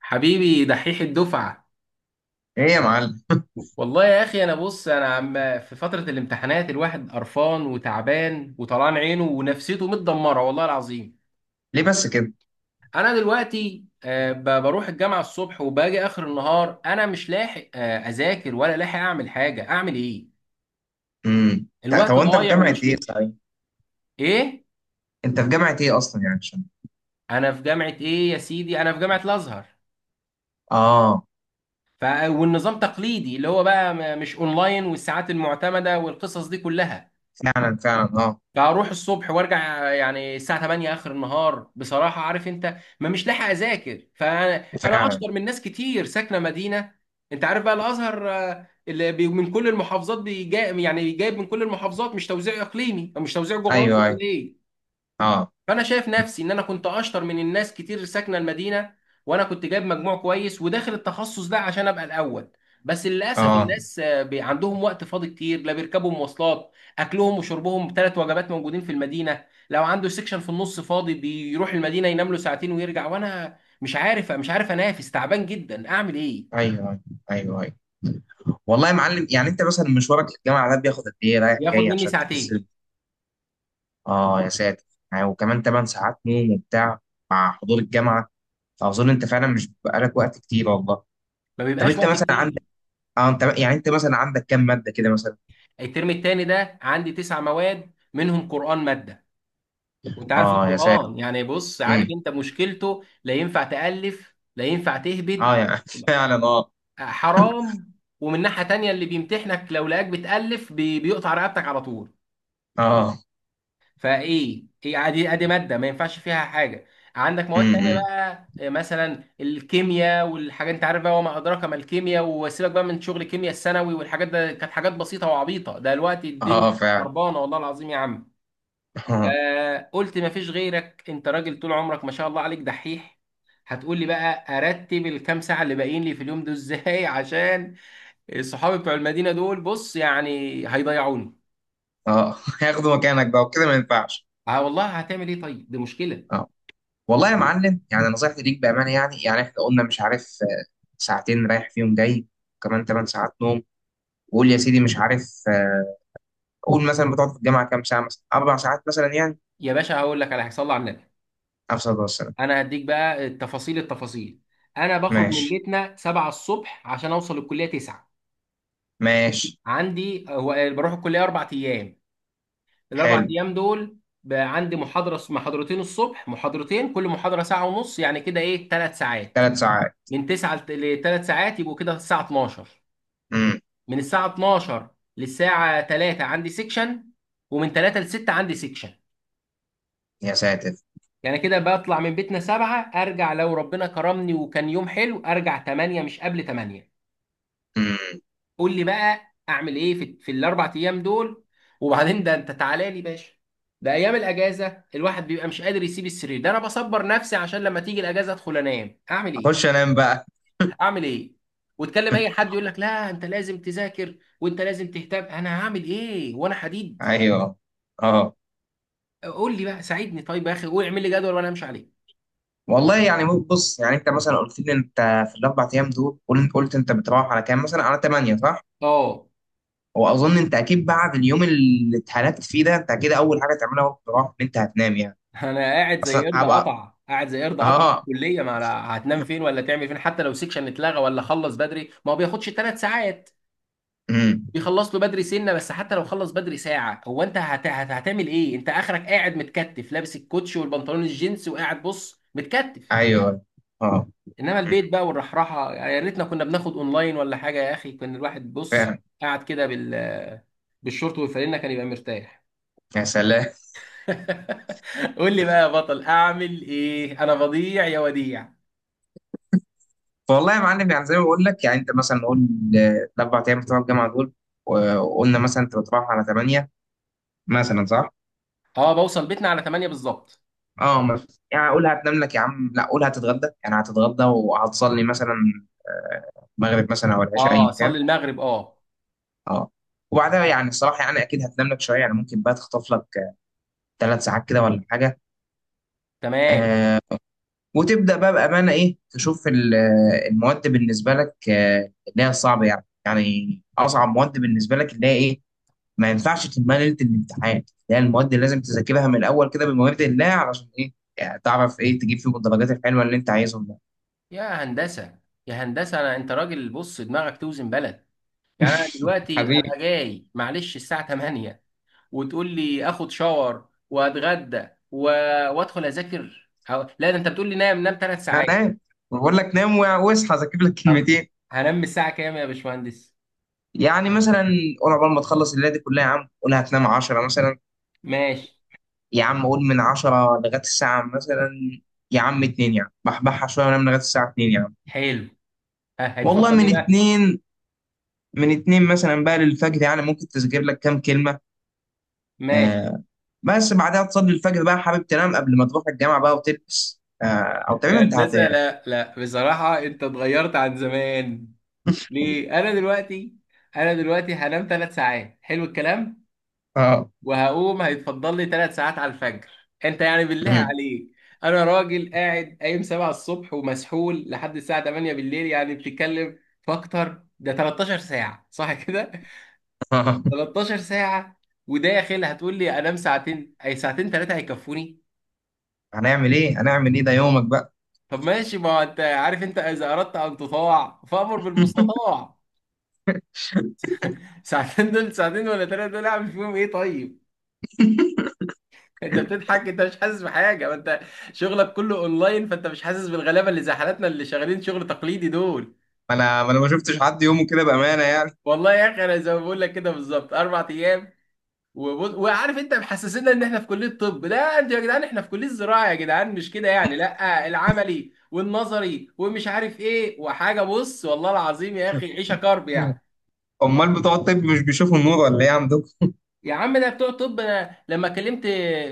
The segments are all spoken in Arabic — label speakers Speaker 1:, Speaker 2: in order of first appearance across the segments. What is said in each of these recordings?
Speaker 1: حبيبي دحيح الدفعة.
Speaker 2: ايه يا معلم.
Speaker 1: والله يا أخي، أنا بص أنا عم في فترة الامتحانات الواحد قرفان وتعبان وطلعان عينه ونفسيته متدمرة، والله العظيم.
Speaker 2: ليه بس كده؟
Speaker 1: أنا دلوقتي بروح الجامعة الصبح وباجي آخر النهار، أنا مش لاحق أذاكر ولا لاحق أعمل حاجة، أعمل إيه؟
Speaker 2: طب،
Speaker 1: الوقت
Speaker 2: وانت في
Speaker 1: ضايع
Speaker 2: جامعه ايه، صحيح؟
Speaker 1: إيه؟
Speaker 2: انت في جامعه ايه اصلا، يعني عشان...
Speaker 1: أنا في جامعة إيه يا سيدي؟ أنا في جامعة الأزهر.
Speaker 2: اه
Speaker 1: والنظام تقليدي اللي هو بقى مش أونلاين، والساعات المعتمدة والقصص دي كلها.
Speaker 2: فعلا فعلا، اه.
Speaker 1: لا، اروح الصبح وارجع يعني الساعه 8 اخر النهار. بصراحه عارف انت ما مش لاحق اذاكر، فانا انا
Speaker 2: فعلا.
Speaker 1: اشطر من ناس كتير ساكنه مدينه. انت عارف بقى الازهر، آه، اللي بي- من كل المحافظات بيجا، يعني جايب من كل المحافظات، مش توزيع اقليمي او مش توزيع جغرافي
Speaker 2: ايوه
Speaker 1: ولا
Speaker 2: ايوه.
Speaker 1: ايه.
Speaker 2: اه.
Speaker 1: فانا شايف نفسي ان انا كنت اشطر من الناس كتير ساكنه المدينه، وانا كنت جايب مجموع كويس وداخل التخصص ده عشان ابقى الاول. بس للاسف
Speaker 2: اه،
Speaker 1: الناس عندهم وقت فاضي كتير، لا بيركبوا مواصلات، اكلهم وشربهم ثلاث وجبات موجودين في المدينه، لو عنده سكشن في النص فاضي بيروح المدينه ينام له ساعتين ويرجع. وانا مش عارف انافس، تعبان جدا، اعمل ايه؟
Speaker 2: ايوه ايوه. ايوه ايوه. والله يا معلم، يعني انت مثلا مشوارك للجامعه ده بياخد قد ايه رايح
Speaker 1: ياخد
Speaker 2: جاي؟
Speaker 1: مني
Speaker 2: عشان تحس
Speaker 1: ساعتين.
Speaker 2: اه يا ساتر. يعني وكمان 8 ساعات نوم وبتاع، مع حضور الجامعه. فاظن انت فعلا مش بيبقى لك وقت كتير، والله.
Speaker 1: ما
Speaker 2: طب
Speaker 1: بيبقاش
Speaker 2: انت
Speaker 1: وقت
Speaker 2: مثلا
Speaker 1: كتير.
Speaker 2: عندك... اه، انت يعني انت مثلا عندك كام ماده كده مثلا؟
Speaker 1: الترم التاني ده عندي تسع مواد، منهم قرآن ماده. وانت عارف
Speaker 2: اه يا ساتر.
Speaker 1: القرآن يعني، بص عارف
Speaker 2: امم
Speaker 1: انت مشكلته، لا ينفع تألف لا ينفع تهبد،
Speaker 2: اه يعني فعلا، اه.
Speaker 1: حرام. ومن ناحية تانية اللي بيمتحنك لو لقاك بتألف بيقطع رقبتك على طول.
Speaker 2: اه.
Speaker 1: فايه ايه، ادي ادي مادة ما ينفعش فيها حاجة. عندك مواد تانية
Speaker 2: امم
Speaker 1: بقى مثلا الكيمياء والحاجات، انت عارف بقى وما ادراك ما الكيمياء، وسيبك بقى من شغل الكيمياء الثانوي والحاجات، ده كانت حاجات بسيطة وعبيطة، ده دلوقتي الدنيا
Speaker 2: اه فعلا.
Speaker 1: خربانة والله العظيم يا عم.
Speaker 2: اه.
Speaker 1: فقلت مفيش غيرك، انت راجل طول عمرك ما شاء الله عليك دحيح. هتقول لي بقى ارتب الكام ساعه اللي باقيين لي في اليوم دول ازاي عشان الصحابي بتوع المدينه دول بص يعني هيضيعوني.
Speaker 2: اه هياخدوا مكانك بقى، وكده ما ينفعش.
Speaker 1: اه والله، هتعمل ايه؟ طيب دي مشكله.
Speaker 2: اه والله يا معلم، يعني نصيحتي ليك بامانه، يعني احنا قلنا مش عارف، ساعتين رايح فيهم جاي، كمان 8 ساعات نوم، وقول يا سيدي مش عارف، قول مثلا بتقعد في الجامعه كام ساعه، مثلا اربع ساعات مثلا يعني.
Speaker 1: يا باشا هقول لك على هيصلي على النبي.
Speaker 2: افصل بس.
Speaker 1: انا هديك بقى التفاصيل التفاصيل. انا بخرج من
Speaker 2: ماشي
Speaker 1: بيتنا 7 الصبح عشان اوصل الكليه 9.
Speaker 2: ماشي.
Speaker 1: عندي هو بروح الكليه اربع ايام. الاربع
Speaker 2: حلو.
Speaker 1: ايام دول بقى عندي محاضره محاضرتين الصبح، محاضرتين كل محاضره ساعه ونص، يعني كده ايه، ثلاث ساعات.
Speaker 2: ثلاث ساعات.
Speaker 1: من 9 ل 3 ساعات يبقوا كده الساعه 12.
Speaker 2: امم
Speaker 1: من الساعه 12 للساعه 3 عندي سيكشن، ومن 3 ل 6 عندي سيكشن.
Speaker 2: يا ساتر.
Speaker 1: يعني كده بطلع من بيتنا 7، ارجع لو ربنا كرمني وكان يوم حلو ارجع 8، مش قبل 8.
Speaker 2: امم
Speaker 1: قول لي بقى اعمل ايه في الاربع ايام دول. وبعدين ده انت تعالى لي باشا، ده ايام الاجازه الواحد بيبقى مش قادر يسيب السرير، ده انا بصبر نفسي عشان لما تيجي الاجازه ادخل انام، اعمل ايه؟
Speaker 2: اخش انام بقى.
Speaker 1: اعمل ايه؟ وتكلم اي حد يقول لك لا انت لازم تذاكر وانت لازم تهتم، انا هعمل ايه وانا حديد.
Speaker 2: ايوه. اه
Speaker 1: قول لي بقى ساعدني طيب يا اخي، قول اعمل لي جدول وانا امشي عليه.
Speaker 2: والله، يعني بص، يعني انت مثلا قلت لي انت، في الاربع ايام دول قلت انت بتروح على كام، مثلا على 8، صح؟
Speaker 1: اه
Speaker 2: واظن انت اكيد بعد اليوم اللي اتهلكت فيه ده، انت اكيد اول حاجه تعملها وقت الروح ان انت هتنام يعني.
Speaker 1: انا قاعد زي
Speaker 2: اصلا
Speaker 1: قرد
Speaker 2: هبقى...
Speaker 1: قطع، قاعد زي قرد قطع في
Speaker 2: اه.
Speaker 1: الكليه، ما أنا هتنام فين ولا تعمل فين؟ حتى لو سيكشن اتلغى ولا خلص بدري، ما هو بياخدش ثلاث ساعات،
Speaker 2: امم
Speaker 1: بيخلص له بدري سنه. بس حتى لو خلص بدري ساعه، هو انت هتعمل ايه؟ انت اخرك قاعد متكتف، لابس الكوتش والبنطلون الجينز وقاعد بص متكتف.
Speaker 2: ايوه. اه.
Speaker 1: انما
Speaker 2: مم.
Speaker 1: البيت بقى والرحراحه، يعني يا ريتنا كنا بناخد اونلاين ولا حاجه يا اخي، كان الواحد بص
Speaker 2: فاهم.
Speaker 1: قاعد كده بالشورت والفانلة كان يبقى مرتاح.
Speaker 2: يا سلام.
Speaker 1: قول لي بقى يا بطل اعمل ايه، انا بضيع يا وديع.
Speaker 2: والله يا معلم، يعني زي ما بقول لك، يعني انت مثلا نقول الاربع ايام بتوع الجامعه دول، وقلنا مثلا انت بتروح على 8، مثلا صح؟
Speaker 1: اه بوصل بيتنا على 8 بالظبط.
Speaker 2: اه، يعني اقول هتنام لك يا عم؟ لا، قول هتتغدى، يعني هتتغدى وهتصلي مثلا، آه، المغرب مثلا او العشاء
Speaker 1: اه
Speaker 2: ايا كان.
Speaker 1: اصلي المغرب، اه.
Speaker 2: اه. وبعدها يعني الصراحه، يعني اكيد هتنام لك شويه، يعني ممكن بقى تخطف لك ثلاث ساعات كده ولا حاجه.
Speaker 1: تمام.
Speaker 2: آه. وتبدا بقى بامانه ايه، تشوف المواد بالنسبه لك، اللي هي الصعبه، يعني اصعب مواد بالنسبه لك اللي هي ايه. ما ينفعش تلمها ليله الامتحان، اللي هي المواد اللي لازم تذاكرها من الاول كده بمواد الله، علشان ايه؟ يعني تعرف ايه تجيب فيهم الدرجات الحلوه اللي انت عايزهم.
Speaker 1: يا هندسه، يا هندسه، انا انت راجل بص دماغك توزن بلد. يعني انا دلوقتي
Speaker 2: حبيبي.
Speaker 1: هبقى جاي معلش الساعه 8، وتقول لي اخد شاور واتغدى وادخل اذاكر لا ده انت بتقول لي نام، نام 3
Speaker 2: انا
Speaker 1: ساعات.
Speaker 2: نام. أنا بقول لك نام، واصحى اذاكر لك
Speaker 1: طب
Speaker 2: كلمتين.
Speaker 1: هنام الساعه كام يا باشمهندس؟
Speaker 2: يعني مثلا، قول عقبال ما تخلص الليله دي كلها يا عم، قول هتنام 10 مثلا.
Speaker 1: ماشي.
Speaker 2: يا عم قول من 10 لغايه الساعه مثلا، يا عم 2، يعني بحبحها شويه وانام لغايه الساعه 2 يعني.
Speaker 1: حلو، ها
Speaker 2: والله
Speaker 1: هيتفضل ايه
Speaker 2: من
Speaker 1: بقى.
Speaker 2: 2، من 2 مثلا بقى للفجر، يعني ممكن تذاكر لك كام كلمه.
Speaker 1: ماشي.
Speaker 2: آه. بس بعدها تصلي الفجر بقى، حابب تنام قبل ما تروح الجامعه بقى وتلبس، او تقريبا
Speaker 1: يا
Speaker 2: انت هت...
Speaker 1: هندسه لا لا، بصراحه انت اتغيرت عن زمان. ليه؟ انا دلوقتي هنام 3 ساعات، حلو الكلام.
Speaker 2: اه.
Speaker 1: وهقوم هيتفضل لي ثلاث ساعات على الفجر. انت يعني بالله
Speaker 2: مم.
Speaker 1: عليك، انا راجل قاعد قايم 7 الصبح ومسحول لحد الساعه 8 بالليل، يعني بتتكلم في اكتر، ده 13 ساعه صح كده؟ 13 ساعه. وداخل هتقول لي انام ساعتين، اي ساعتين ثلاثه هيكفوني؟
Speaker 2: هنعمل ايه؟ هنعمل ايه؟ ده يومك بقى.
Speaker 1: طب ماشي، ما هو انت عارف، انت اذا اردت ان تطاع فامر بالمستطاع. ساعتين دول، ساعتين ولا ثلاثه دول اعمل فيهم ايه طيب؟ انت بتضحك، انت مش حاسس بحاجه، ما انت شغلك كله اونلاين، فانت مش حاسس بالغلابه اللي زي حالاتنا اللي شغالين شغل تقليدي دول.
Speaker 2: ما انا ما شفتش حد يومه كده بامانه يعني.
Speaker 1: والله يا اخي انا زي ما بقول لك كده بالظبط، اربع ايام. وبص، وعارف انت محسسنا ان احنا في كليه طب. لا انتوا يا جدعان، احنا في كليه زراعه يا جدعان، مش كده يعني، لا العملي والنظري ومش عارف ايه وحاجه، بص والله العظيم يا اخي عيشه كرب يعني.
Speaker 2: امال بتوع الطب مش بيشوفوا النور ولا ايه عندكم؟
Speaker 1: يا عم ده بتوع طب، أنا لما كلمت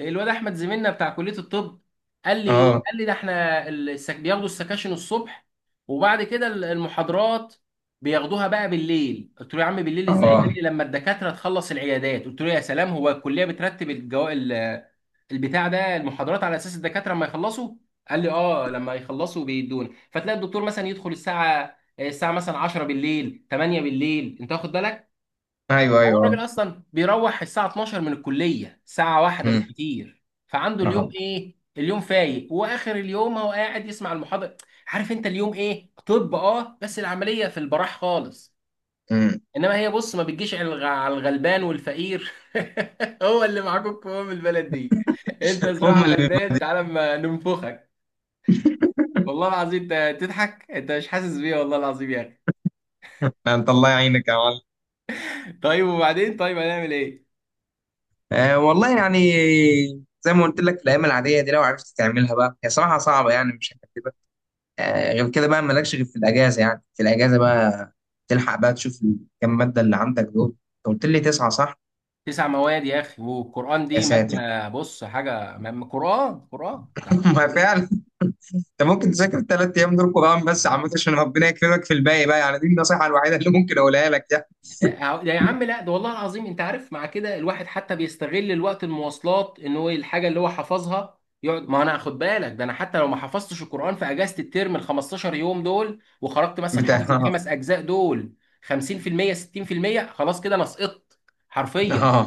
Speaker 1: الواد احمد زميلنا بتاع كليه الطب قال لي ايه،
Speaker 2: اه
Speaker 1: قال لي ده احنا بياخدوا السكاشن الصبح، وبعد كده المحاضرات بياخدوها بقى بالليل. قلت له يا عم بالليل ازاي؟
Speaker 2: اه.
Speaker 1: قال لي لما الدكاتره تخلص العيادات. قلت له يا سلام، هو الكليه بترتب البتاع ده المحاضرات على اساس الدكاتره لما يخلصوا؟ قال لي اه، لما يخلصوا بيدون، فتلاقي الدكتور مثلا يدخل الساعه مثلا 10 بالليل، 8 بالليل، انت واخد بالك.
Speaker 2: ايوه
Speaker 1: هو
Speaker 2: ايوه. اه.
Speaker 1: الراجل اصلا بيروح الساعه 12 من الكليه، ساعه واحده
Speaker 2: أمم،
Speaker 1: بالكتير، فعنده اليوم
Speaker 2: اه.
Speaker 1: ايه، اليوم فايق، واخر اليوم هو قاعد يسمع المحاضره. عارف انت اليوم ايه؟ طب اه بس العمليه في البراح خالص.
Speaker 2: أمم.
Speaker 1: انما هي بص ما بتجيش على على الغلبان والفقير. هو اللي معاكم قوام البلد دي، انت
Speaker 2: هم
Speaker 1: زراعه
Speaker 2: اللي بيبقى.
Speaker 1: غلبان تعالى ما ننفخك. والله العظيم انت تضحك، انت مش حاسس بيه، والله العظيم يا اخي.
Speaker 2: انت الله يعينك يا معلم.
Speaker 1: طيب وبعدين، طيب هنعمل ايه؟
Speaker 2: آه والله يعني، زي ما قلت لك في الايام العاديه دي، لو عرفت تعملها بقى هي صراحه صعبه يعني، مش هكدبك. آه، غير كده بقى مالكش غير في الاجازه، يعني في الاجازه بقى تلحق بقى تشوف الكام ماده اللي عندك دول. انت قلت لي تسعه، صح؟
Speaker 1: تسع مواد يا اخي، والقران
Speaker 2: يا
Speaker 1: دي
Speaker 2: ساتر.
Speaker 1: ماده بص حاجه، قران قران، انت
Speaker 2: ما
Speaker 1: هتقول ايه؟
Speaker 2: فعلا. انت ممكن تذاكر الثلاث ايام دول قران بس يا عم، عشان ربنا يكرمك في الباقي بقى، يعني دي النصيحه الوحيده اللي ممكن اقولها لك يعني.
Speaker 1: أه، آه، ده يا عم لا، ده والله العظيم انت عارف مع كده الواحد حتى بيستغل الوقت المواصلات، ان هو الحاجه اللي هو حفظها يقعد، ما انا خد بالك، ده انا حتى لو ما حفظتش القران في اجازه الترم ال 15 يوم دول، وخرجت مثلا
Speaker 2: بتاع
Speaker 1: حافظ
Speaker 2: اه.
Speaker 1: الخمس اجزاء دول 50% 60%، خلاص كده انا سقطت حرفيا.
Speaker 2: اه.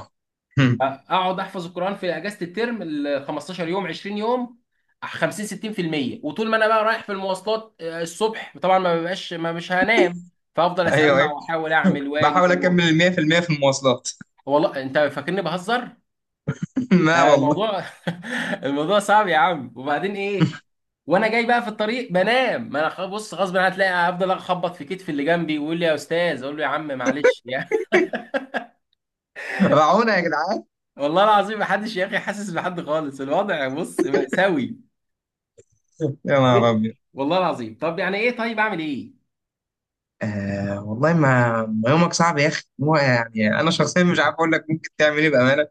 Speaker 2: هم.
Speaker 1: اقعد احفظ القران في اجازه الترم ال 15 يوم 20 يوم 50 60%. وطول ما انا بقى رايح في المواصلات الصبح طبعا ما ببقاش، ما مش هنام، فافضل
Speaker 2: ايوه
Speaker 1: اسمع
Speaker 2: ايوه.
Speaker 1: واحاول اعمل واجي
Speaker 2: بحاول
Speaker 1: واروح.
Speaker 2: اكمل ال 100% في المية في المواصلات.
Speaker 1: والله انت فاكرني بهزر؟
Speaker 2: لا
Speaker 1: ده
Speaker 2: والله.
Speaker 1: الموضوع الموضوع صعب يا عم. وبعدين ايه، وانا جاي بقى في الطريق بنام، ما انا بص غصب عني، هتلاقي افضل اخبط في كتف اللي جنبي ويقول لي يا استاذ، اقول له يا عم معلش يعني.
Speaker 2: رعونا يا جدعان.
Speaker 1: والله العظيم محدش يا اخي حاسس بحد خالص، الوضع بص مأساوي.
Speaker 2: يا نهار
Speaker 1: إيه؟
Speaker 2: ابيض.
Speaker 1: والله العظيم، طب يعني ايه، طيب اعمل ايه؟
Speaker 2: آه والله، ما يومك صعب يا اخي. هو يعني انا شخصيا مش عارف اقول لك ممكن تعمل ايه بامانه.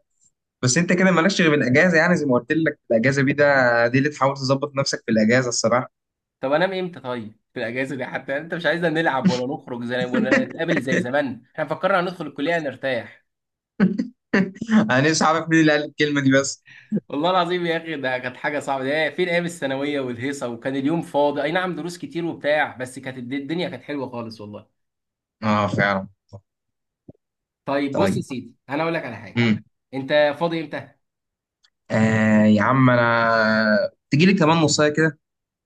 Speaker 2: بس انت كده مالكش غير الاجازه، يعني زي ما قلت لك الاجازه دي، ده دي اللي تحاول تظبط نفسك في الاجازه الصراحه.
Speaker 1: طب انام امتى طيب في الاجازه دي؟ حتى انت مش عايزنا نلعب ولا نخرج زي ولا نتقابل زي زمان، احنا فكرنا هندخل الكليه نرتاح.
Speaker 2: انا نفسي اعرف مين اللي قال الكلمه دي بس.
Speaker 1: والله العظيم يا اخي ده كانت حاجه صعبه، ده فين ايام الثانويه والهيصه، وكان اليوم فاضي اي نعم دروس كتير وبتاع، بس كانت الدنيا كانت حلوه خالص والله.
Speaker 2: اه فعلا.
Speaker 1: طيب بص يا
Speaker 2: طيب.
Speaker 1: سيدي انا اقول لك على حاجه،
Speaker 2: امم
Speaker 1: انت فاضي امتى؟
Speaker 2: آه يا عم انا تجيلي كمان نصايه كده.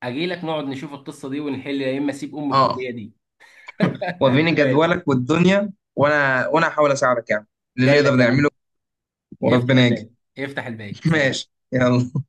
Speaker 1: اجي لك نقعد نشوف القصه دي ونحل، يا اما اسيب ام
Speaker 2: اه،
Speaker 1: الكليه دي.
Speaker 2: وريني
Speaker 1: ماشي.
Speaker 2: جدولك والدنيا، وانا هحاول اساعدك يعني اللي
Speaker 1: جاي
Speaker 2: نقدر
Speaker 1: لك يا بطل.
Speaker 2: نعمله.
Speaker 1: افتح
Speaker 2: وربنا يجي.
Speaker 1: الباب، افتح الباب، سلام.
Speaker 2: ماشي يلا.